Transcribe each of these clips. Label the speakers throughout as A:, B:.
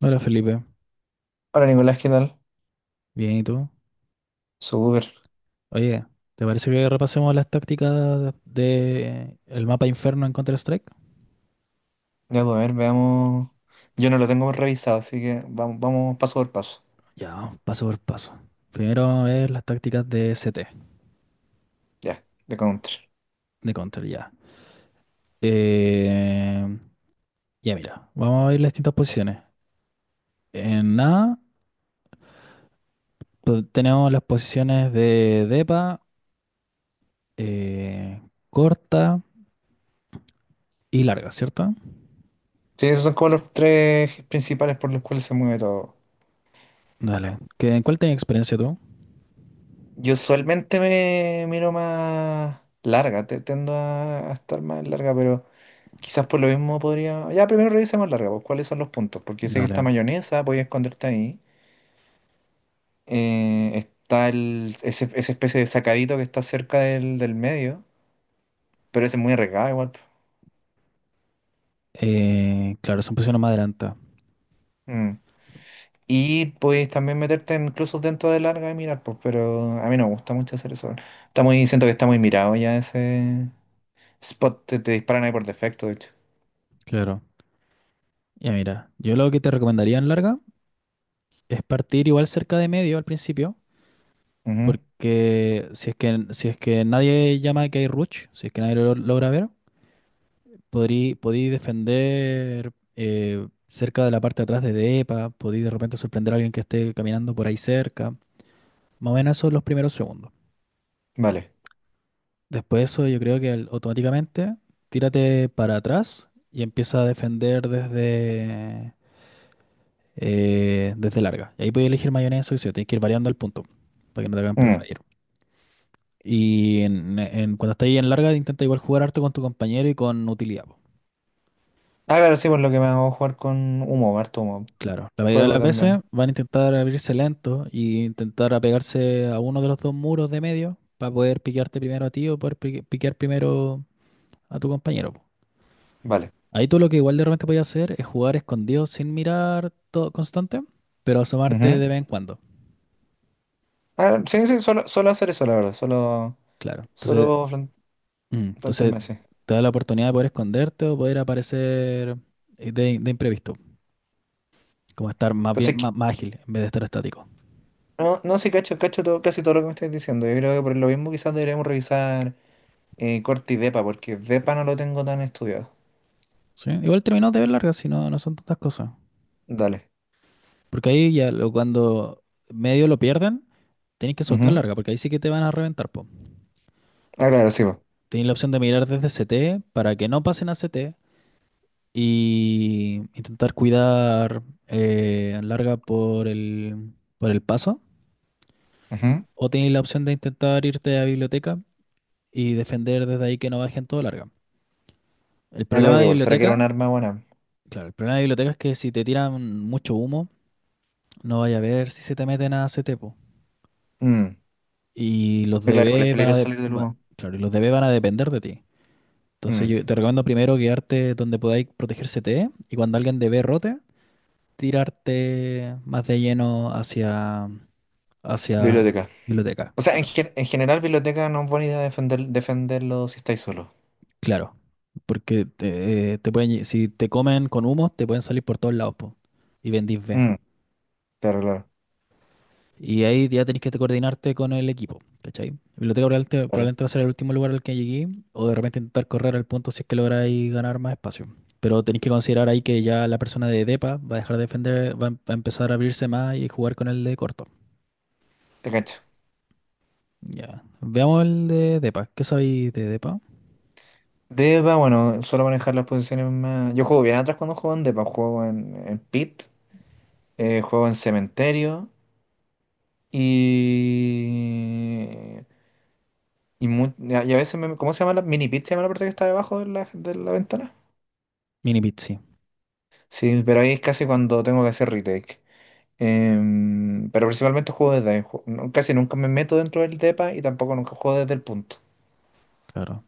A: Hola Felipe,
B: Hola Nicolás, ¿qué tal?
A: bien y tú.
B: Súper.
A: Oye, ¿te parece que repasemos las tácticas de el mapa Inferno en Counter-Strike?
B: Ya, pues, a ver, veamos. Yo no lo tengo revisado, así que vamos paso por paso.
A: Ya, paso por paso. Primero vamos a ver las tácticas de CT,
B: Ya, de counter.
A: de Counter, ya. Eh, ya mira, vamos a ver las distintas posiciones. En A pues, tenemos las posiciones de depa, eh, corta y larga, ¿cierto?
B: Sí, esos son como los tres principales por los cuales se mueve todo.
A: Dale. ¿Qué, en cuál tenías experiencia tú?
B: Yo usualmente me miro más larga, tiendo a estar más larga, pero quizás por lo mismo podría. Ya, primero revisemos larga, pues cuáles son los puntos, porque yo sé que está
A: Dale.
B: mayonesa, voy a esconderte ahí. Está esa especie de sacadito que está cerca del medio, pero ese es muy arriesgado igual, pues.
A: Claro, son posiciones más adelantadas.
B: Mm. Y puedes también meterte incluso dentro de larga y mirar, pues, pero a mí no me gusta mucho hacer eso. Está muy, siento que está muy mirado ya ese spot, te disparan ahí por defecto, de hecho.
A: Claro. Ya mira, yo lo que te recomendaría en larga es partir igual cerca de medio al principio,
B: Ujú.
A: porque si es que nadie llama que hay rush, si es que nadie lo logra ver, podí defender cerca de la parte de atrás de DEPA, podí de repente sorprender a alguien que esté caminando por ahí cerca. Más o menos esos son los primeros segundos.
B: Vale.
A: Después de eso yo creo que automáticamente tírate para atrás y empieza a defender desde larga. Y ahí puedes elegir mayonesa y queso, tienes que ir variando al punto para que no te hagan
B: Mm.
A: preferir. Y cuando estás ahí en larga, intenta igual jugar harto con tu compañero y con utilidad. Po.
B: Ah, claro, sí, por lo que me hago jugar con humo, harto humo.
A: Claro, la mayoría de
B: Fuego
A: las veces
B: también.
A: van a intentar abrirse lento y intentar apegarse a uno de los dos muros de medio para poder piquearte primero a ti o poder piquear primero a tu compañero. Po.
B: Vale.
A: Ahí tú lo que igual de repente podías hacer es jugar escondido sin mirar todo constante, pero asomarte
B: Ujú.
A: de vez en cuando.
B: Ah, sí, sí, solo hacer eso, la verdad. Solo,
A: Claro. Entonces
B: solo
A: Mm, Entonces
B: plantearme así.
A: te da la oportunidad de poder esconderte o poder aparecer de imprevisto, como estar más
B: Pero
A: bien,
B: sí que,
A: más ágil en vez de estar estático.
B: no, no sí, cacho, cacho todo, casi todo lo que me estáis diciendo. Yo creo que por lo mismo quizás deberíamos revisar Corte y Depa, porque Depa no lo tengo tan estudiado.
A: ¿Sí? Igual terminó de ver largas, si no, no son tantas cosas.
B: Dale.
A: Porque ahí ya cuando medio lo pierden, tenés que soltar
B: Ujú.
A: larga, porque ahí sí que te van a reventar, po.
B: Ah, claro, sí, po.
A: Tenés la opción de mirar desde CT para que no pasen a CT y intentar cuidar larga por el paso.
B: Ujú.
A: O tenéis la opción de intentar irte a biblioteca y defender desde ahí que no bajen todo larga. El
B: Ah,
A: problema
B: claro,
A: de
B: igual. ¿Será que era un
A: biblioteca,
B: arma buena?
A: claro, el problema de biblioteca es que si te tiran mucho humo, no vaya a ver si se te meten a ese tepo.
B: Mm.
A: Y los
B: Ah, claro, igual es
A: DB van a
B: peligroso
A: de-
B: salir del
A: va-
B: humo.
A: claro, y los DB van a depender de ti. Entonces
B: Mm.
A: yo te recomiendo primero quedarte donde podáis proteger CTE y cuando alguien DB rote, tirarte más de lleno hacia
B: Biblioteca.
A: biblioteca,
B: O sea,
A: claro.
B: en general, biblioteca no es buena idea defenderlo si estáis solo.
A: Claro. Porque te pueden, si te comen con humo, te pueden salir por todos lados, po, y vendís B.
B: Mm. Claro, claro.
A: Y ahí ya tenés que te coordinarte con el equipo, ¿cachai? Biblioteca probablemente,
B: Vale.
A: probablemente va a ser el último lugar al que llegué, o de repente intentar correr al punto si es que lográis ganar más espacio. Pero tenéis que considerar ahí que ya la persona de DEPA va a dejar de defender, va a empezar a abrirse más y jugar con el de corto.
B: Te cacho.
A: Ya. Veamos el de DEPA. ¿Qué sabéis de DEPA?
B: Deba, bueno, suelo manejar las posiciones más. Yo juego bien atrás cuando juego en Depa. Juego en Pit, juego en Cementerio y. Y a veces, ¿cómo se llama la mini pit? ¿Se llama la parte que está debajo de la ventana?
A: Mini pit, sí,
B: Sí, pero ahí es casi cuando tengo que hacer retake. Pero principalmente juego desde ahí. Casi nunca me meto dentro del depa y tampoco nunca juego desde el punto.
A: claro.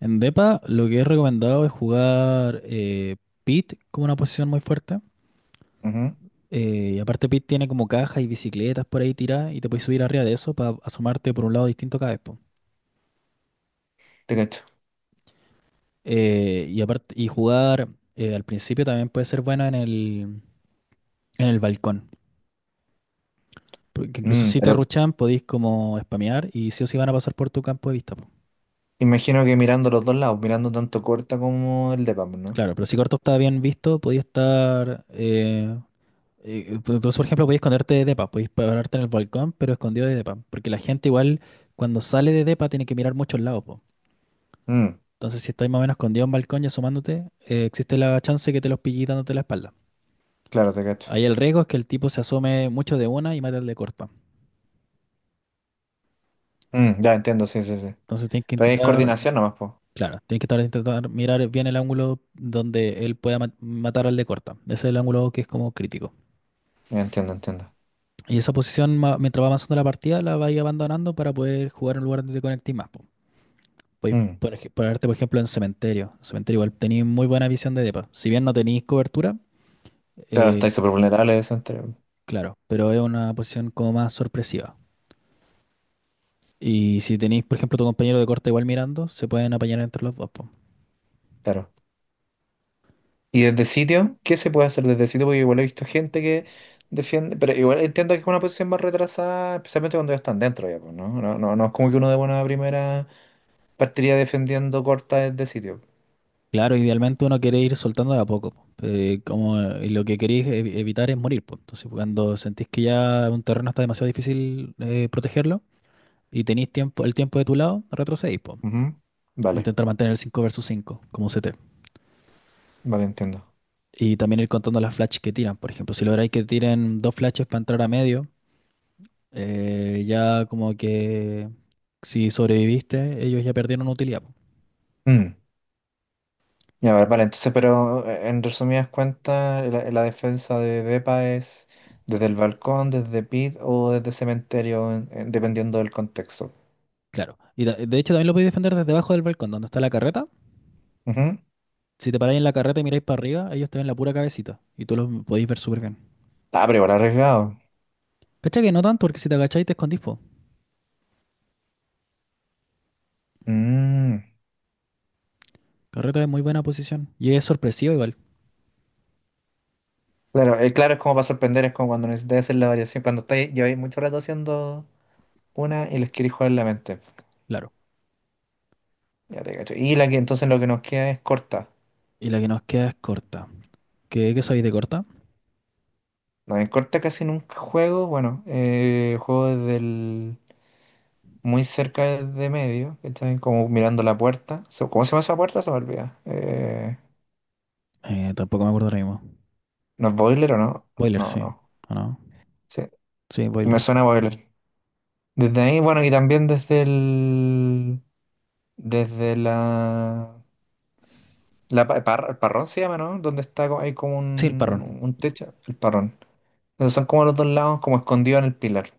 A: En DEPA lo que he recomendado es jugar pit como una posición muy fuerte.
B: Ujú.
A: Y aparte Pit tiene como cajas y bicicletas por ahí tiradas y te puedes subir arriba de eso para asomarte por un lado distinto cada vez, po.
B: Te cacho.
A: Y aparte, y jugar al principio también puede ser bueno en el balcón. Porque incluso
B: Mm,
A: si te
B: pero
A: ruchan podéis como spamear y sí o sí van a pasar por tu campo de vista, po.
B: imagino que mirando los dos lados, mirando tanto corta como el depa, pues, ¿no?
A: Claro, pero si Corto está bien visto, podías estar pues, entonces, por ejemplo, podías esconderte de depa, podías pararte en el balcón, pero escondido de depa. Porque la gente igual cuando sale de depa tiene que mirar muchos lados, po.
B: Mm,
A: Entonces, si estás más o menos escondido en un balcón y asomándote, existe la chance que te los pille dándote la espalda.
B: claro, te cacho.
A: Ahí el riesgo es que el tipo se asome mucho de una y mate al de corta.
B: Mm, ya entiendo, sí, sí, sí.
A: Entonces tienes que
B: Pero ahí es
A: intentar,
B: coordinación nomás, pues.
A: claro, tienes que intentar mirar bien el ángulo donde él pueda matar al de corta. Ese es el ángulo que es como crítico.
B: Ya entiendo, entiendo.
A: Y esa posición, mientras va avanzando la partida, la vais abandonando para poder jugar en un lugar donde te conectes más. Po. Podéis
B: Mm,
A: por ponerte, por ejemplo, en cementerio. En cementerio igual tenéis muy buena visión de depa. Si bien no tenéis cobertura,
B: claro,
A: eh,
B: estáis súper vulnerables.
A: Claro, pero es una posición como más sorpresiva. Y si tenéis, por ejemplo, tu compañero de corte igual mirando, se pueden apañar entre los dos, po.
B: Claro. Y desde sitio, ¿qué se puede hacer desde sitio? Porque igual he visto gente que defiende, pero igual entiendo que es una posición más retrasada, especialmente cuando ya están dentro ya, pues, ¿no? No, no, no es como que uno de buena primera partiría defendiendo corta desde sitio.
A: Claro, idealmente uno quiere ir soltando de a poco, po. Como lo que queréis evitar es morir, po. Entonces, cuando sentís que ya un terreno está demasiado difícil protegerlo y tenéis tiempo, el tiempo de tu lado, retrocedís, po.
B: Ujú. Vale,
A: Intentar mantener el cinco versus 5 como CT.
B: vale, entiendo.
A: Y también ir contando las flashes que tiran. Por ejemplo, si lográis que tiren dos flashes para entrar a medio, ya como que si sobreviviste, ellos ya perdieron utilidad. Po.
B: Mm. Ya, vale, vale, entonces, pero en resumidas cuentas, la defensa de Depa es desde el balcón, desde pit o desde cementerio, dependiendo del contexto.
A: Claro. Y de hecho también lo podéis defender desde abajo del balcón, donde está la carreta.
B: Ujú.
A: Si te paráis en la carreta y miráis para arriba, ellos te ven la pura cabecita. Y tú los podéis ver súper bien.
B: Ah, pero igual arriesgado.
A: Cacha que no tanto, porque si te agacháis te escondís, po.
B: Mm.
A: Carreta es muy buena posición. Y es sorpresiva igual,
B: Claro, claro, es como para sorprender, es como cuando necesitas hacer la variación, cuando estáis, lleváis mucho rato haciendo una y les queréis jugar la mente.
A: claro.
B: Ya te cacho. Y la que entonces lo que nos queda es corta.
A: Y la que nos queda es corta. ¿Qué sabéis de corta?
B: No, en corta casi nunca juego, bueno, juego muy cerca de medio, ¿cachai? Como mirando la puerta. ¿Cómo se llama esa puerta? Se me olvida.
A: Tampoco me acuerdo ahora mismo.
B: ¿No es boiler o no?
A: Boiler,
B: No,
A: sí.
B: no.
A: ¿O no?
B: Sí,
A: Sí,
B: me
A: boiler.
B: suena a boiler. Desde ahí, bueno, y también desde el, desde la La pa- par- el parrón se llama, ¿no? Donde está, hay como
A: Sí, el parrón.
B: un techo, el parrón. Entonces son como los dos lados, como escondidos en el pilar.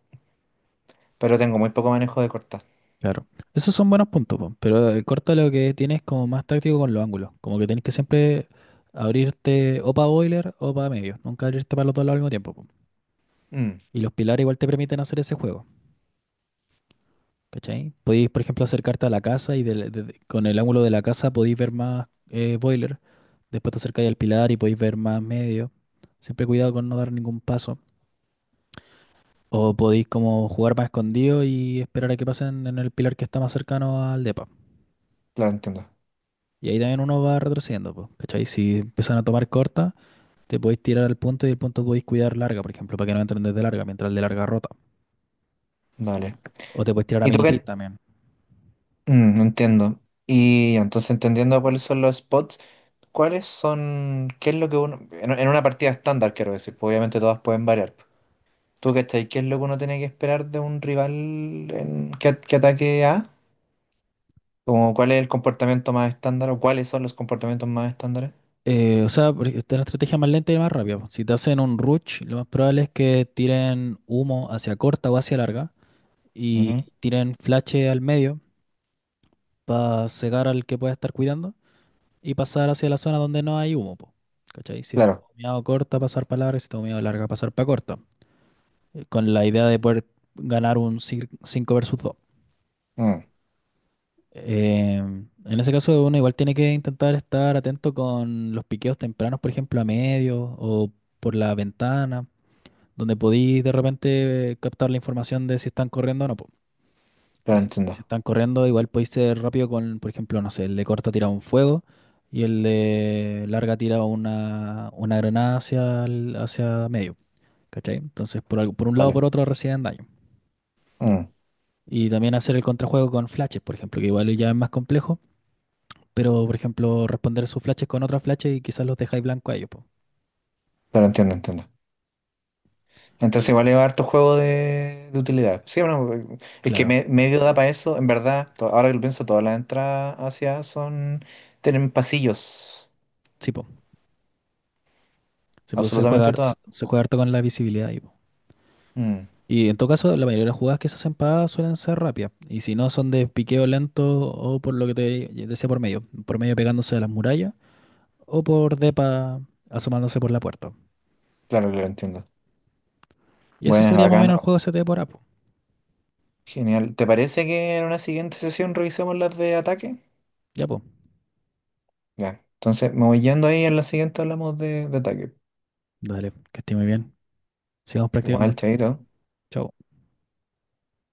B: Pero tengo muy poco manejo de cortar.
A: Claro. Esos son buenos puntos, po, pero el corto lo que tienes como más táctico con los ángulos. Como que tenés que siempre abrirte o para boiler o para medio. Nunca abrirte para los dos lados al mismo tiempo. Po.
B: Mm,
A: Y los pilares igual te permiten hacer ese juego. ¿Cachai? Podéis, por ejemplo, acercarte a la casa y con el ángulo de la casa podéis ver más boiler. Después te acercáis al pilar y podéis ver más medio. Siempre cuidado con no dar ningún paso. O podéis como jugar más escondido y esperar a que pasen en el pilar que está más cercano al depa.
B: claro, entiendo.
A: Y ahí también uno va retrocediendo, pues, ¿cachai? Si empiezan a tomar corta, te podéis tirar al punto y el punto podéis cuidar larga, por ejemplo, para que no entren desde larga, mientras el de larga rota.
B: Vale.
A: O te podéis tirar a
B: ¿Y tú
A: mini pit
B: qué?
A: también.
B: Mm, entiendo. Y entonces entendiendo cuáles son los spots, ¿cuáles son, qué es lo que uno, en una partida estándar quiero decir, pues obviamente todas pueden variar. ¿Tú cachai? ¿Qué es lo que uno tiene que esperar de un rival que ataque A? Como, ¿cuál es el comportamiento más estándar o cuáles son los comportamientos más estándares?
A: O sea, esta es la estrategia más lenta y más rápida. Po. Si te hacen un rush, lo más probable es que tiren humo hacia corta o hacia larga y tiren flash al medio para cegar al que pueda estar cuidando y pasar hacia la zona donde no hay humo, po, ¿cachai? Si está
B: Claro,
A: humeado corta, pasar para larga, si está humeado larga, pasar para corta. Con la idea de poder ganar un 5 versus 2.
B: mm,
A: En ese caso, uno igual tiene que intentar estar atento con los piqueos tempranos, por ejemplo, a medio o por la ventana, donde podéis de repente captar la información de si están corriendo o no. po. Y
B: claro,
A: si
B: entiendo.
A: están corriendo, igual podéis ser rápido con, por ejemplo, no sé, el de corta tira un fuego y el de larga tira una granada hacia medio. ¿Cachai? Entonces, por un lado o
B: Vale,
A: por otro reciben daño.
B: mm,
A: Y también hacer el contrajuego con flashes, por ejemplo, que igual ya es más complejo, pero por ejemplo, responder sus flashes con otras flashes y quizás los dejáis blanco a ellos, po.
B: claro, entiendo, entiendo. Entonces,
A: Y
B: igual lleva harto juego de utilidad. Sí, bueno, es que
A: claro,
B: medio da para eso, en verdad. Ahora que lo pienso, todas las entradas hacia son. Tienen pasillos.
A: sí, po. Sí, pues, se juega,
B: Absolutamente
A: har- se
B: todas.
A: se juega harto con la visibilidad ahí, po.
B: Mm,
A: Y en todo caso, la mayoría de las jugadas que se hacen pagadas suelen ser rápidas. Y si no, son de piqueo lento o por lo que te decía por medio. Por medio pegándose a las murallas o por depa asomándose por la puerta.
B: claro, claro, entiendo.
A: Y eso
B: Buenas,
A: sería más o
B: bacán.
A: menos el
B: Oh,
A: juego ST por Apo.
B: genial. ¿Te parece que en una siguiente sesión revisemos las de ataque?
A: Ya, po.
B: Ya. Entonces, me voy yendo ahí, en la siguiente hablamos de ataque.
A: Dale, que esté muy bien. Sigamos practicando.
B: Igual, chaito.
A: Chao.